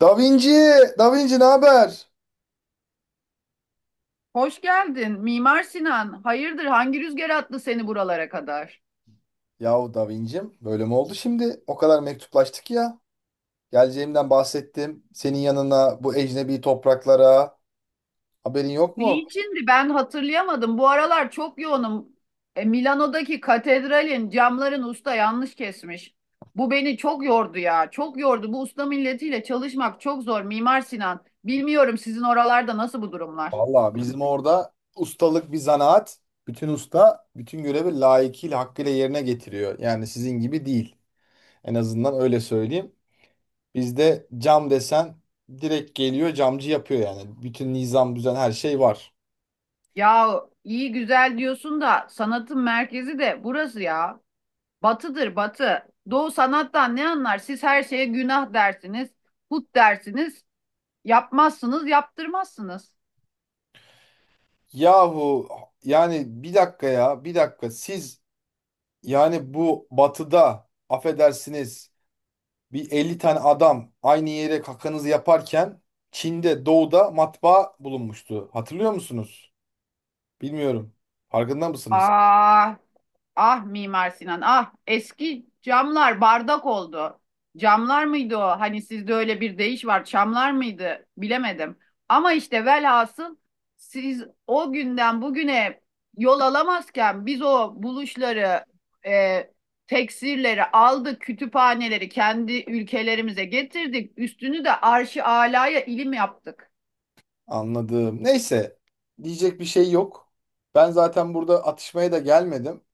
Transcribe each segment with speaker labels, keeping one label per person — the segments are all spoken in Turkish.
Speaker 1: Da Vinci, Da Vinci ne haber?
Speaker 2: Hoş geldin. Mimar Sinan. Hayırdır? Hangi rüzgar attı seni buralara kadar?
Speaker 1: Yahu Da Vinci'm böyle mi oldu şimdi? O kadar mektuplaştık ya. Geleceğimden bahsettim. Senin yanına bu ecnebi topraklara, haberin yok mu?
Speaker 2: Niçindi? Ben hatırlayamadım. Bu aralar çok yoğunum. E, Milano'daki katedralin camların usta yanlış kesmiş. Bu beni çok yordu ya. Çok yordu. Bu usta milletiyle çalışmak çok zor Mimar Sinan. Bilmiyorum sizin oralarda nasıl bu durumlar.
Speaker 1: Vallahi bizim orada ustalık bir zanaat. Bütün usta bütün görevi layıkıyla hakkıyla yerine getiriyor. Yani sizin gibi değil. En azından öyle söyleyeyim. Bizde cam desen direkt geliyor, camcı yapıyor yani. Bütün nizam düzen her şey var.
Speaker 2: Ya iyi güzel diyorsun da sanatın merkezi de burası ya. Batıdır batı. Doğu sanattan ne anlar? Siz her şeye günah dersiniz, put dersiniz. Yapmazsınız, yaptırmazsınız.
Speaker 1: Yahu yani bir dakika siz, yani bu batıda affedersiniz bir 50 tane adam aynı yere kakanızı yaparken Çin'de, doğuda matbaa bulunmuştu. Hatırlıyor musunuz? Bilmiyorum. Farkında mısınız?
Speaker 2: Ah, ah Mimar Sinan, ah eski camlar bardak oldu. Camlar mıydı o? Hani sizde öyle bir deyiş var, çamlar mıydı? Bilemedim. Ama işte velhasıl siz o günden bugüne yol alamazken biz o buluşları, e, teksirleri aldık, kütüphaneleri kendi ülkelerimize getirdik. Üstünü de arş-ı alaya ilim yaptık.
Speaker 1: Anladım. Neyse, diyecek bir şey yok. Ben zaten burada atışmaya da gelmedim.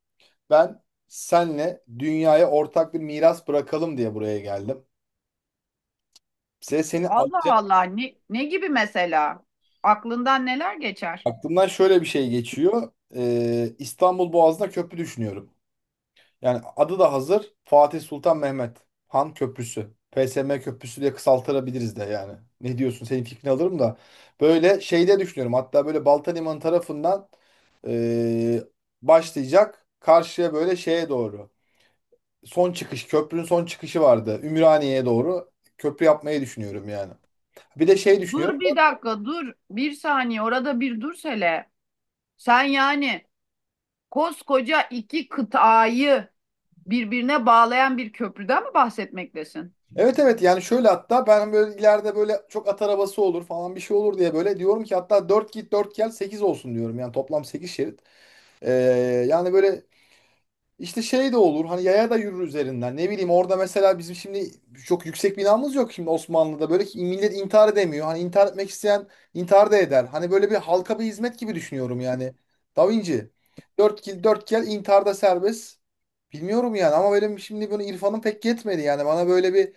Speaker 1: Ben senle dünyaya ortak bir miras bırakalım diye buraya geldim. Size seni
Speaker 2: Allah
Speaker 1: alacağım.
Speaker 2: Allah ne gibi mesela? Aklından neler geçer?
Speaker 1: Aklımdan şöyle bir şey geçiyor. İstanbul Boğazı'na köprü düşünüyorum. Yani adı da hazır. Fatih Sultan Mehmet Han Köprüsü. PSM Köprüsü diye kısaltırabiliriz de yani. Ne diyorsun? Senin fikrini alırım da. Böyle şeyde düşünüyorum. Hatta böyle Balta Limanı tarafından eee, başlayacak. Karşıya böyle şeye doğru. Son çıkış. Köprünün son çıkışı vardı. Ümraniye'ye doğru köprü yapmayı düşünüyorum yani. Bir de şey düşünüyorum.
Speaker 2: Dur bir dakika dur bir saniye orada bir dur hele. Sen yani koskoca iki kıtayı birbirine bağlayan bir köprüden mi bahsetmektesin?
Speaker 1: Evet, evet, yani şöyle, hatta ben böyle ileride böyle çok at arabası olur falan bir şey olur diye böyle diyorum ki hatta 4 git 4 gel 8 olsun diyorum. Yani toplam 8 şerit. Ee, yani böyle işte şey de olur, hani yaya da yürür üzerinden, ne bileyim, orada mesela bizim şimdi çok yüksek binamız yok şimdi Osmanlı'da, böyle ki millet intihar edemiyor, hani intihar etmek isteyen intihar da eder, hani böyle bir halka bir hizmet gibi düşünüyorum yani, Da Vinci, 4 kill 4 gel, intiharda serbest. Bilmiyorum yani, ama benim şimdi bunu irfanım pek yetmedi. Yani bana böyle bir,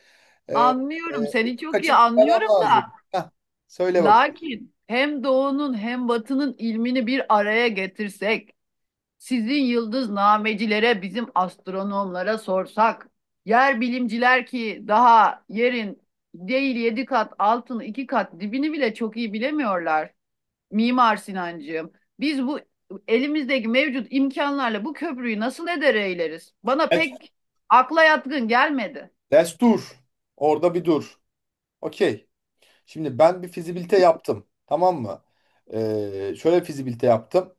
Speaker 1: e, e,
Speaker 2: Anlıyorum seni
Speaker 1: ufuk
Speaker 2: çok iyi
Speaker 1: açık bir adam
Speaker 2: anlıyorum da
Speaker 1: lazım. Heh, söyle bak.
Speaker 2: lakin hem doğunun hem batının ilmini bir araya getirsek sizin yıldıznamecilere, bizim astronomlara sorsak, yer bilimciler ki daha yerin değil yedi kat, altını iki kat dibini bile çok iyi bilemiyorlar. Mimar Sinancığım, biz bu elimizdeki mevcut imkanlarla bu köprüyü nasıl eder eyleriz? Bana pek akla yatkın gelmedi.
Speaker 1: Destur, orada bir dur. Okey. Şimdi ben bir fizibilite yaptım. Tamam mı? Şöyle fizibilite yaptım.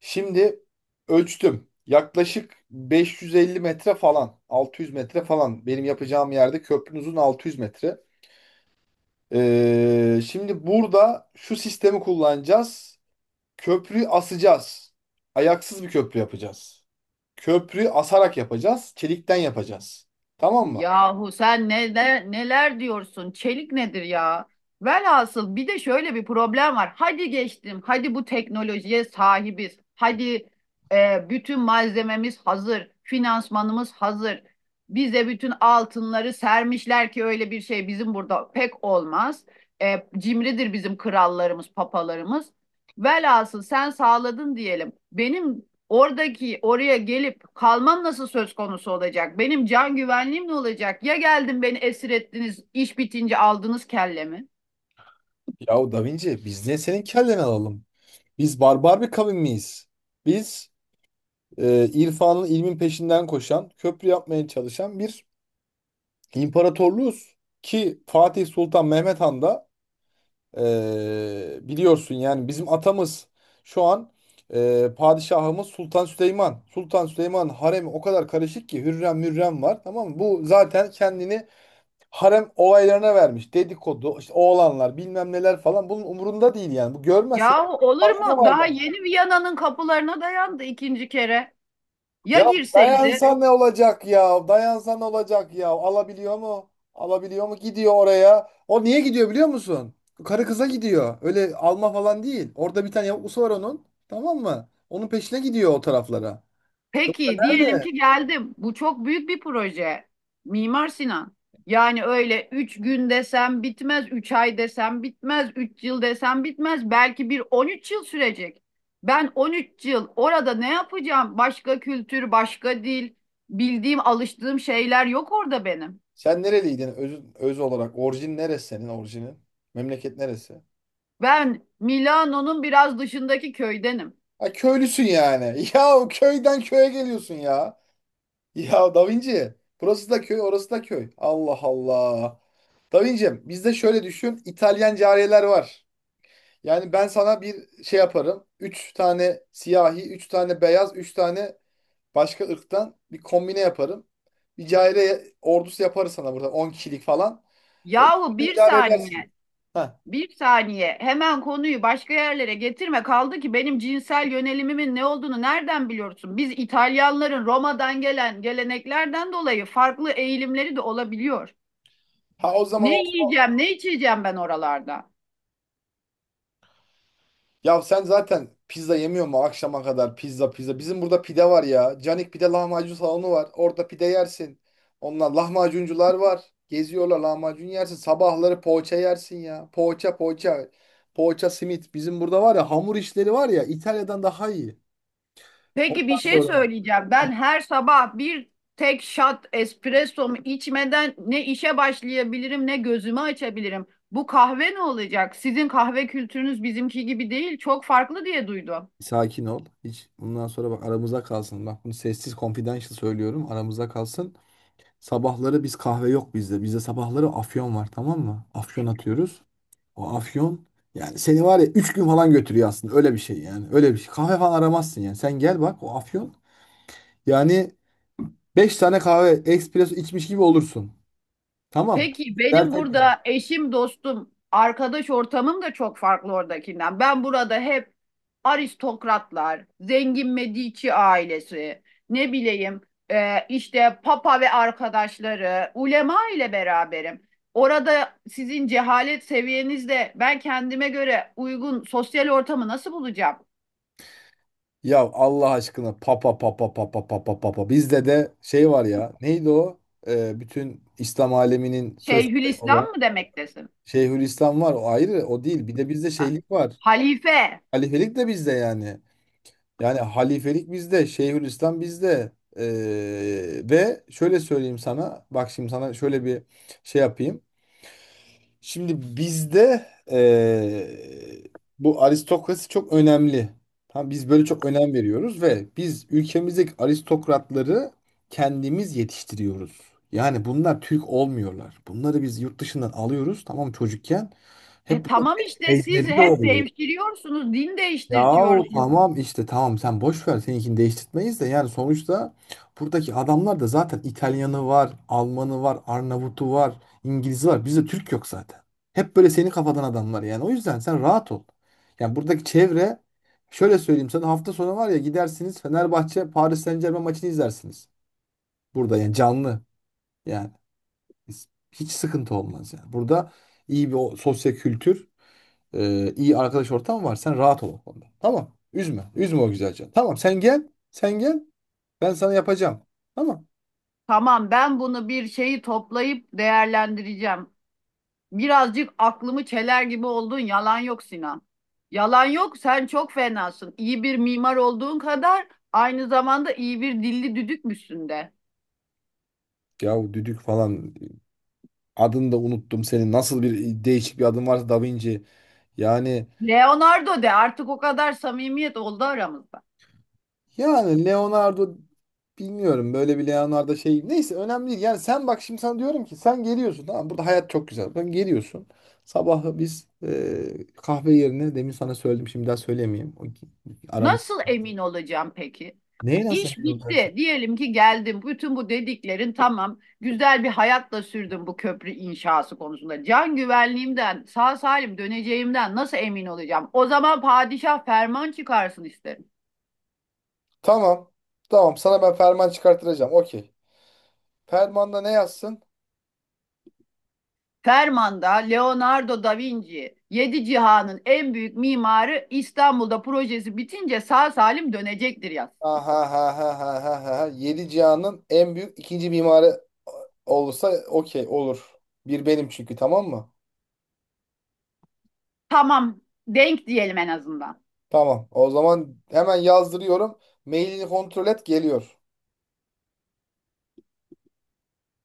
Speaker 1: Şimdi ölçtüm. Yaklaşık 550 metre falan. 600 metre falan. Benim yapacağım yerde köprünün uzun 600 metre. Şimdi burada şu sistemi kullanacağız. Köprüyü asacağız. Ayaksız bir köprü yapacağız. Köprüyü asarak yapacağız. Çelikten yapacağız. Tamam mı?
Speaker 2: Yahu sen neler, neler diyorsun? Çelik nedir ya? Velhasıl bir de şöyle bir problem var. Hadi geçtim. Hadi bu teknolojiye sahibiz. Hadi bütün malzememiz hazır. Finansmanımız hazır. Bize bütün altınları sermişler ki öyle bir şey bizim burada pek olmaz. E, cimridir bizim krallarımız, papalarımız. Velhasıl sen sağladın diyelim. Benim oradaki oraya gelip kalmam nasıl söz konusu olacak? Benim can güvenliğim ne olacak? Ya geldim beni esir ettiniz, iş bitince aldınız kellemi?
Speaker 1: Yahu Da Vinci, biz niye senin kelleni alalım? Biz barbar bir kavim miyiz? Biz irfanın ilmin peşinden koşan, köprü yapmaya çalışan bir imparatorluğuz. Ki Fatih Sultan Mehmet Han da biliyorsun yani bizim atamız. Şu an padişahımız Sultan Süleyman. Sultan Süleyman'ın haremi o kadar karışık ki, Hürrem Mürrem var, tamam mı? Bu zaten kendini harem olaylarına vermiş. Dedikodu, işte oğlanlar bilmem neler falan, bunun umurunda değil yani. Bu görmezse
Speaker 2: Yahu olur
Speaker 1: farkına
Speaker 2: mu? Daha
Speaker 1: varmaz.
Speaker 2: yeni Viyana'nın kapılarına dayandı ikinci kere. Ya
Speaker 1: Ya
Speaker 2: girseydi?
Speaker 1: dayansa ne olacak ya? Dayansa ne olacak ya? Alabiliyor mu? Alabiliyor mu? Gidiyor oraya. O niye gidiyor biliyor musun? Karı kıza gidiyor. Öyle alma falan değil. Orada bir tane yavuklusu var onun. Tamam mı? Onun peşine gidiyor o taraflara.
Speaker 2: Peki diyelim
Speaker 1: Nerede?
Speaker 2: ki geldim. Bu çok büyük bir proje. Mimar Sinan. Yani öyle 3 gün desem bitmez, 3 ay desem bitmez, 3 yıl desem bitmez. Belki bir 13 yıl sürecek. Ben 13 yıl orada ne yapacağım? Başka kültür, başka dil, bildiğim, alıştığım şeyler yok orada benim.
Speaker 1: Sen nereliydin öz olarak? Orijin neresi, senin orijinin? Memleket neresi?
Speaker 2: Ben Milano'nun biraz dışındaki köydenim.
Speaker 1: Ha, köylüsün yani. Ya, o köyden köye geliyorsun ya. Ya Da Vinci. Burası da köy, orası da köy. Allah Allah. Davincim, bizde şöyle düşün, İtalyan cariyeler var. Yani ben sana bir şey yaparım. Üç tane siyahi, üç tane beyaz, üç tane başka ırktan bir kombine yaparım. Bir cariye ordusu yaparız sana burada 10 kişilik falan.
Speaker 2: Yahu
Speaker 1: E,
Speaker 2: bir
Speaker 1: idare edersin.
Speaker 2: saniye.
Speaker 1: Ha.
Speaker 2: Bir saniye. Hemen konuyu başka yerlere getirme. Kaldı ki benim cinsel yönelimimin ne olduğunu nereden biliyorsun? Biz İtalyanların Roma'dan gelen geleneklerden dolayı farklı eğilimleri de olabiliyor.
Speaker 1: Ha, o zaman
Speaker 2: Ne
Speaker 1: o,
Speaker 2: yiyeceğim, ne içeceğim ben oralarda?
Speaker 1: ya sen zaten pizza yemiyor mu akşama kadar, pizza pizza. Bizim burada pide var ya. Canik pide lahmacun salonu var. Orada pide yersin. Onlar lahmacuncular var. Geziyorlar, lahmacun yersin. Sabahları poğaça yersin ya. Poğaça poğaça. Poğaça simit. Bizim burada var ya, hamur işleri var ya, İtalya'dan daha iyi.
Speaker 2: Peki bir şey
Speaker 1: Sonra
Speaker 2: söyleyeceğim. Ben her sabah bir tek shot espressomu içmeden ne işe başlayabilirim, ne gözümü açabilirim. Bu kahve ne olacak? Sizin kahve kültürünüz bizimki gibi değil, çok farklı diye duydum.
Speaker 1: sakin ol. Hiç, bundan sonra bak aramıza kalsın. Bak bunu sessiz confidential söylüyorum. Aramıza kalsın. Sabahları biz, kahve yok bizde. Bizde sabahları afyon var, tamam mı? Afyon atıyoruz. O afyon, yani seni var ya 3 gün falan götürüyor aslında, öyle bir şey yani. Öyle bir şey. Kahve falan aramazsın yani. Sen gel bak, o afyon, yani 5 tane kahve espresso içmiş gibi olursun. Tamam.
Speaker 2: Peki benim
Speaker 1: Dert etme.
Speaker 2: burada eşim, dostum, arkadaş ortamım da çok farklı oradakinden. Ben burada hep aristokratlar, zengin Medici ailesi, ne bileyim işte papa ve arkadaşları, ulema ile beraberim. Orada sizin cehalet seviyenizde ben kendime göre uygun sosyal ortamı nasıl bulacağım?
Speaker 1: Ya Allah aşkına, papa papa papa papa papa. Bizde de şey var ya, neydi o? Bütün İslam aleminin söz sahibi
Speaker 2: Şeyhülislam
Speaker 1: olan
Speaker 2: mı demektesin?
Speaker 1: Şeyhülislam var, o ayrı, o değil. Bir de bizde
Speaker 2: Ha,
Speaker 1: şeylik var.
Speaker 2: Halife.
Speaker 1: Halifelik de bizde yani. Yani halifelik bizde, Şeyhülislam bizde. Ve şöyle söyleyeyim sana, bak şimdi sana şöyle bir şey yapayım. Şimdi bizde ee, bu aristokrasi çok önemli. Tamam, biz böyle çok önem veriyoruz ve biz ülkemizdeki aristokratları kendimiz yetiştiriyoruz. Yani bunlar Türk olmuyorlar. Bunları biz yurt dışından alıyoruz, tamam mı, çocukken.
Speaker 2: E
Speaker 1: Hep bunlar
Speaker 2: tamam işte siz
Speaker 1: ecnebi
Speaker 2: hep
Speaker 1: oluyor.
Speaker 2: devşiriyorsunuz, din
Speaker 1: Yahu
Speaker 2: değiştirtiyorsunuz.
Speaker 1: tamam işte, tamam, sen boş ver, seninkini değiştirtmeyiz de yani. Sonuçta buradaki adamlar da zaten İtalyanı var, Almanı var, Arnavutu var, İngilizi var. Bizde Türk yok zaten. Hep böyle senin kafadan adamlar yani. O yüzden sen rahat ol. Yani buradaki çevre, şöyle söyleyeyim sana, hafta sonu var ya, gidersiniz Fenerbahçe Paris Saint-Germain maçını izlersiniz. Burada yani, canlı yani. Hiç sıkıntı olmaz yani. Burada iyi bir sosyal kültür, iyi arkadaş ortamı var. Sen rahat ol o konuda. Tamam. Üzme. Üzme o güzel canı. Tamam, sen gel. Sen gel. Ben sana yapacağım. Tamam.
Speaker 2: Tamam ben bunu bir şeyi toplayıp değerlendireceğim. Birazcık aklımı çeler gibi oldun. Yalan yok Sinan. Yalan yok. Sen çok fenasın. İyi bir mimar olduğun kadar aynı zamanda iyi bir dilli düdükmüşsün de.
Speaker 1: Yahu düdük falan, adını da unuttum senin. Nasıl bir değişik bir adın varsa Da Vinci. Yani
Speaker 2: Leonardo de artık o kadar samimiyet oldu aramızda.
Speaker 1: yani Leonardo, bilmiyorum, böyle bir Leonardo şey, neyse, önemli değil. Yani sen bak, şimdi sana diyorum ki sen geliyorsun, tamam, burada hayat çok güzel. Sen geliyorsun. Sabahı biz kahve yerine demin sana söyledim, şimdi daha söylemeyeyim. O- Aramız,
Speaker 2: Nasıl emin olacağım peki?
Speaker 1: neyi nasıl?
Speaker 2: İş bitti. Diyelim ki geldim. Bütün bu dediklerin tamam. Güzel bir hayatla sürdüm bu köprü inşası konusunda. Can güvenliğimden, sağ salim döneceğimden nasıl emin olacağım? O zaman padişah ferman çıkarsın isterim.
Speaker 1: Tamam. Tamam. Sana ben ferman çıkarttıracağım. Okey. Fermanda ne yazsın?
Speaker 2: Fermanda Leonardo da Vinci, yedi cihanın en büyük mimarı İstanbul'da projesi bitince sağ salim dönecektir yaz.
Speaker 1: Ha ha ha ha ha ha ha. Ha. Yedi cihanın en büyük ikinci mimarı olursa okey olur. Bir benim çünkü, tamam mı?
Speaker 2: Tamam, denk diyelim en azından.
Speaker 1: Tamam. O zaman hemen yazdırıyorum. Mailini kontrol et, geliyor.